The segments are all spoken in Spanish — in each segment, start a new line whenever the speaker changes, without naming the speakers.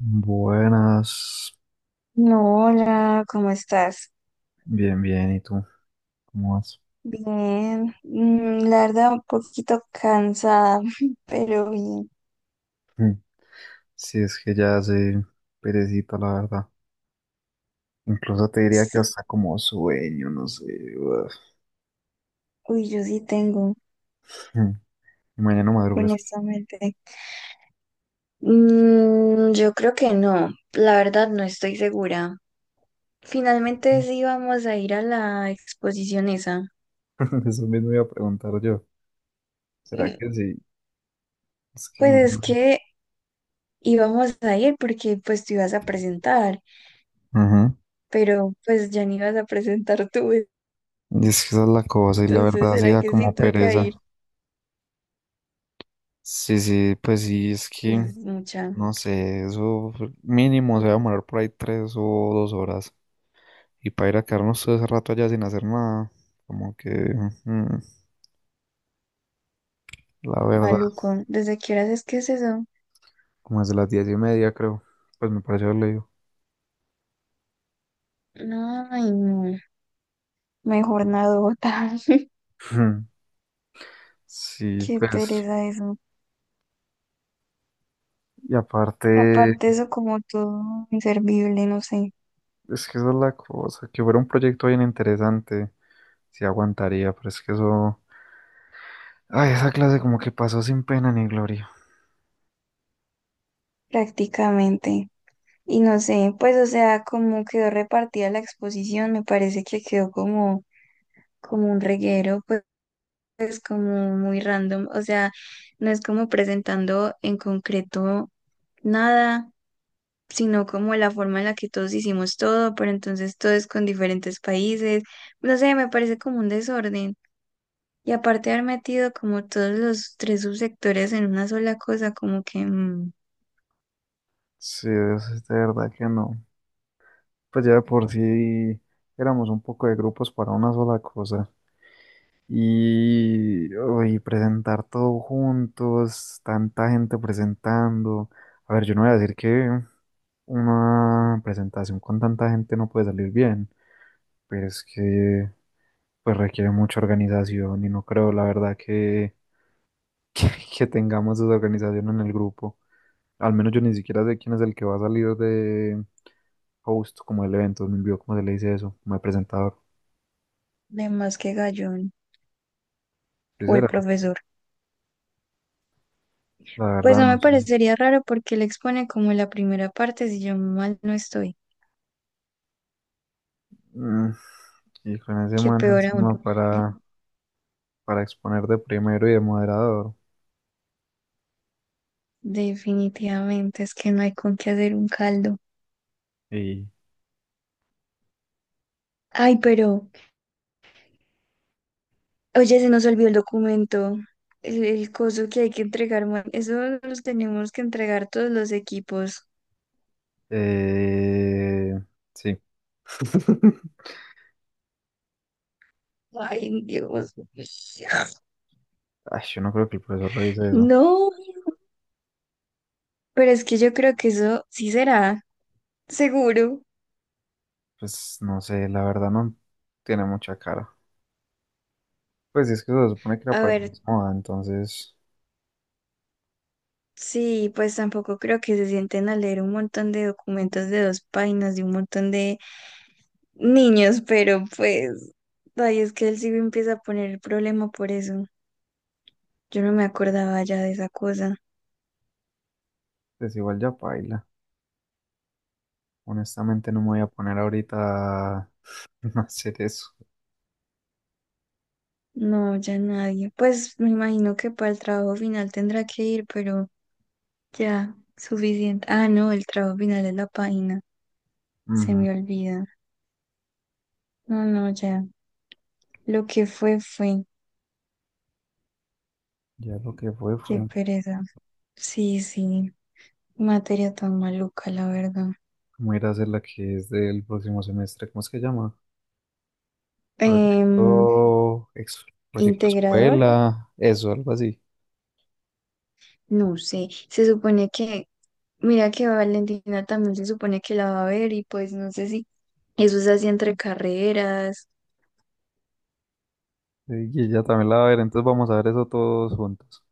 Buenas,
No, hola, ¿cómo estás?
bien, bien, ¿y tú? ¿Cómo vas?
Bien, la verdad un poquito cansada, pero bien.
Mm. Si es que ya hace perecita, la verdad. Incluso te diría que
Sí,
hasta como sueño, no sé. Uf.
uy, yo sí tengo,
Mm. Y mañana madrugas.
honestamente. Yo creo que no, la verdad no estoy segura. Finalmente sí vamos a ir a la exposición esa.
Eso mismo iba a preguntar yo. ¿Será que sí? Es que...
Pues
mm,
es que íbamos a ir porque pues tú ibas a presentar,
Ujú.
pero pues ya ni ibas a presentar tú,
Y es que esa es la cosa, y la
entonces,
verdad sí
¿será
da
que sí
como
toca
pereza.
ir?
Sí, sí, pues sí, es que,
Uf, mucha.
no sé, eso mínimo se va a demorar por ahí 3 o 2 horas. Y para ir a quedarnos todo ese rato allá sin hacer nada, como que, mm, la verdad,
Maluco, ¿desde qué horas es que es eso?
como desde las 10:30 creo, pues me pareció haber leído.
No, ay, no. Mejor nadota.
Sí,
Qué
pues,
pereza eso.
y aparte,
Aparte eso como todo inservible, no sé,
es que esa es la cosa, que fuera un proyecto bien interesante, sí aguantaría, pero es que eso, ay, esa clase como que pasó sin pena ni gloria.
prácticamente. Y no sé, pues o sea, como quedó repartida la exposición, me parece que quedó como, como un reguero, pues, pues como muy random. O sea, no es como presentando en concreto nada, sino como la forma en la que todos hicimos todo, pero entonces todo es con diferentes países. No sé, me parece como un desorden. Y aparte de haber metido como todos los tres subsectores en una sola cosa, como que mm,
Sí, es de verdad que no. Pues ya de por sí éramos un poco de grupos para una sola cosa. Y uy, presentar todo juntos, tanta gente presentando. A ver, yo no voy a decir que una presentación con tanta gente no puede salir bien, pero es que pues requiere mucha organización y no creo, la verdad, que, que, que tengamos esa organización en el grupo. Al menos yo ni siquiera sé quién es el que va a salir de host como el evento, me envió como se le dice eso, como de presentador.
de más que Gallón
Sí,
o el
será,
profesor.
la
Pues
verdad,
no
no
me
sé.
parecería raro porque él expone como la primera parte, si yo mal no estoy,
Mm, y con ese
que
man
peor aún.
encima para exponer de primero y de moderador.
Definitivamente es que no hay con qué hacer un caldo.
Y
Ay, pero oye, se nos olvidó el documento, el coso que hay que entregar, man. Eso los tenemos que entregar todos los equipos.
eh, sí.
Ay, Dios.
Ay, yo no creo que el profesor revise eso.
No, pero es que yo creo que eso sí será, seguro.
Pues no sé, la verdad no tiene mucha cara. Pues es que se supone que era
A
para el
ver,
mismo moda, entonces
sí, pues tampoco creo que se sienten a leer un montón de documentos de dos páginas de un montón de niños, pero pues, ay, es que él sí me empieza a poner el problema por eso. Yo no me acordaba ya de esa cosa.
pues igual ya paila. Honestamente no me voy a poner ahorita a hacer eso.
No, ya nadie. Pues me imagino que para el trabajo final tendrá que ir, pero ya, suficiente. Ah, no, el trabajo final es la página. Se
Ujú.
me olvida. No, no, ya. Lo que fue, fue.
Ya lo que fue
Qué
fue
pereza. Sí, sí. Materia tan maluca, la verdad.
como ir a hacer la que es del próximo semestre. ¿Cómo es que llama?
Em,
Proyecto, ex- proyecto
¿Integrador?
escuela, eso, algo así.
No sé. Se supone que, mira que Valentina también se supone que la va a ver y pues no sé si eso es así entre carreras.
Y ella también la va a ver, entonces vamos a ver eso todos juntos.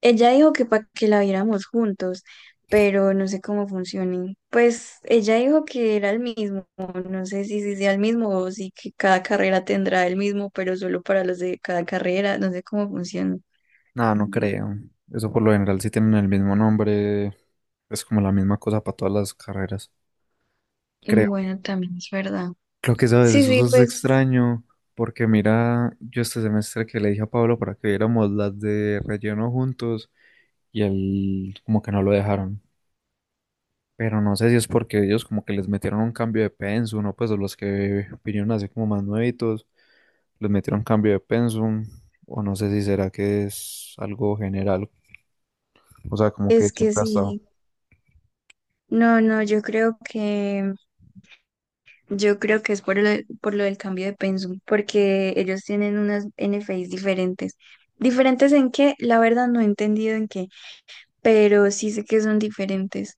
Ella dijo que para que la viéramos juntos, pero no sé cómo funcione. Pues ella dijo que era el mismo, no sé si, si sea el mismo o si que cada carrera tendrá el mismo, pero solo para los de cada carrera, no sé cómo funciona.
Nada, no creo. Eso por lo general sí tienen el mismo nombre, es como la misma cosa para todas las carreras, creo.
Bueno, también es verdad.
Lo que sabes,
Sí,
eso
sí,
es
pues
extraño, porque mira, yo este semestre que le dije a Pablo para que viéramos las de relleno juntos y él como que no lo dejaron. Pero no sé si es porque ellos como que les metieron un cambio de pensum, ¿no? Pues o los que vinieron así como más nuevitos, les metieron cambio de pensum, o no sé si será que es algo general, o sea, como que
es que
siempre ha estado
sí. No, no, yo creo que es por lo del cambio de pensum, porque ellos tienen unas NFIs diferentes. ¿Diferentes en qué? La verdad no he entendido en qué, pero sí sé que son diferentes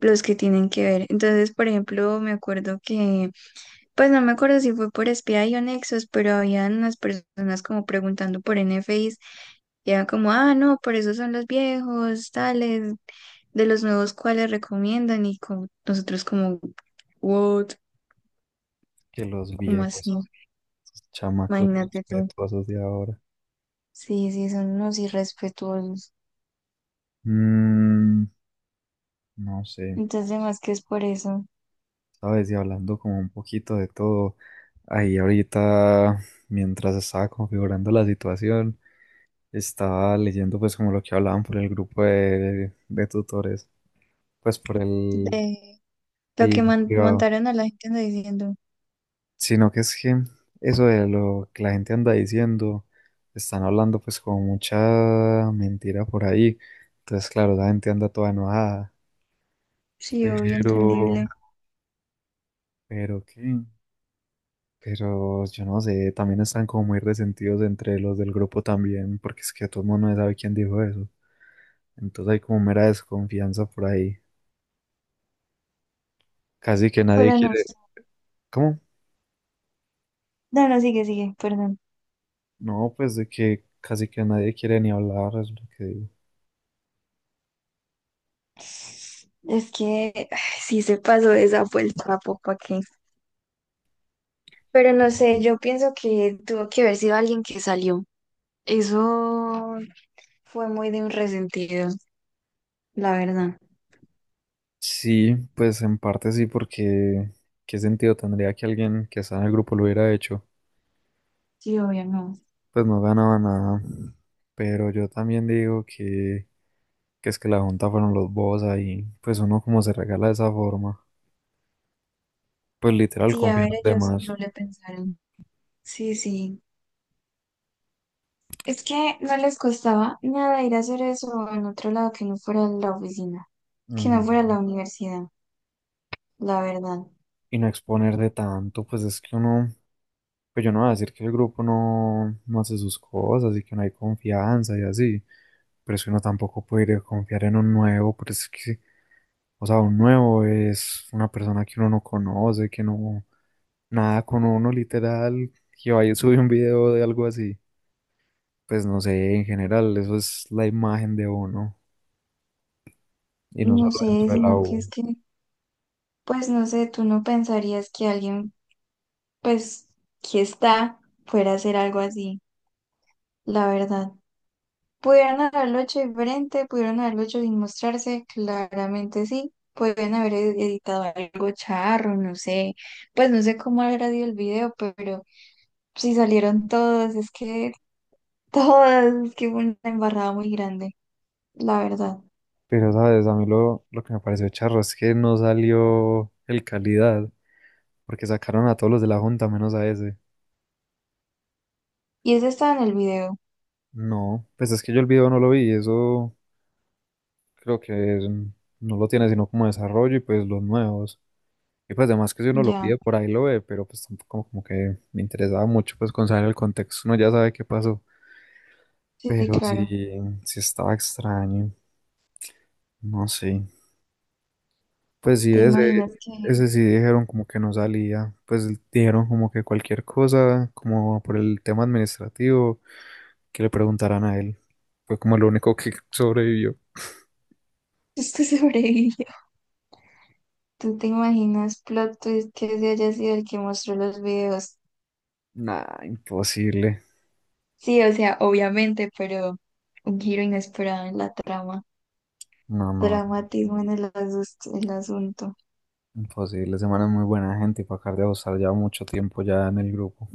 los que tienen que ver. Entonces, por ejemplo, me acuerdo que, pues no me acuerdo si fue por SPI o Nexus, pero habían unas personas como preguntando por N NFIs y era como, ah, no, por eso son los viejos, tales, de los nuevos cuáles recomiendan y como nosotros como, what,
que los
como así,
viejos, esos chamacos
imagínate tú.
respetuosos de ahora.
Sí, sí, son unos irrespetuosos.
Mm, no sé,
Entonces, más que es por eso,
sabes, y hablando como un poquito de todo, ahí ahorita, mientras estaba configurando la situación, estaba leyendo pues como lo que hablaban por el grupo de tutores. Pues por el,
de lo que
el privado,
montaron a la gente no diciendo.
sino que es que eso de lo que la gente anda diciendo, están hablando pues con mucha mentira por ahí, entonces claro, la gente anda toda enojada,
Sí, obvio,
pero,
entendible.
pero qué, pero yo no sé, también están como muy resentidos entre los del grupo también, porque es que todo el mundo no sabe quién dijo eso, entonces hay como mera desconfianza por ahí, casi que nadie
Pero no,
quiere,
sé.
¿cómo?
No, no, sigue, sigue, perdón.
No, pues de que casi que nadie quiere ni hablar, es lo que digo.
Es que ay, sí se pasó de esa vuelta, ¿para qué? Pero no sé, yo pienso que tuvo que haber sido alguien que salió. Eso fue muy de un resentido, la verdad.
Sí, pues en parte sí, porque ¿qué sentido tendría que alguien que está en el grupo lo hubiera hecho?
Sí, obvio, no.
Pues no ganaba nada. Pero yo también digo que es que la junta fueron los bobos ahí. Pues uno como se regala de esa forma. Pues literal
Sí, a
confía en
ver,
los
ellos no
demás.
le pensaron. Sí, sí. Es que no les costaba nada ir a hacer eso en otro lado que no fuera la oficina, que no fuera
Ujú.
la universidad, la verdad.
Y no exponer de tanto, pues es que uno, pues yo no voy a decir que el grupo no, no hace sus cosas y que no hay confianza y así, pero es que uno tampoco puede ir a confiar en un nuevo, pero es que, o sea, un nuevo es una persona que uno no conoce, que no, nada con uno literal, que vaya y sube un video de algo así, pues no sé, en general, eso es la imagen de uno y no solo
No sé,
dentro de la
sino que es
U.
que pues no sé, tú no pensarías que alguien, pues, que está, fuera a hacer algo así, la verdad. ¿Pudieron haberlo hecho diferente? ¿Pudieron haberlo hecho sin mostrarse? Claramente sí. Pueden haber editado algo charro, no sé. Pues no sé cómo habrá sido el video, pero si salieron todos, es que todas, es que hubo una embarrada muy grande, la verdad.
Pero, ¿sabes? A mí lo que me pareció charro es que no salió el calidad, porque sacaron a todos los de la junta menos a ese.
Y eso estaba en el video,
No, pues es que yo el video no lo vi, eso creo que no lo tiene sino como desarrollo y pues los nuevos. Y pues además que si uno lo
ya.
pide por ahí lo ve, pero pues tampoco como que me interesaba mucho pues con saber el contexto, uno ya sabe qué pasó.
Sí, sí,
Pero sí,
claro.
sí estaba extraño, no sé. Pues sí,
¿Te
ese,
imaginas que
ese sí dijeron como que no salía, pues dijeron como que cualquier cosa, como por el tema administrativo, que le preguntaran a él. Fue como lo único que sobrevivió.
esto sobrevive? ¿Tú te imaginas plot twist que ese haya sido el que mostró los videos?
Nah, imposible.
Sí, o sea, obviamente, pero un giro inesperado en la trama.
No, no,
Dramatismo en el, el asunto.
imposible. Semana es muy buena gente y para acá de estar ya mucho tiempo ya en el grupo.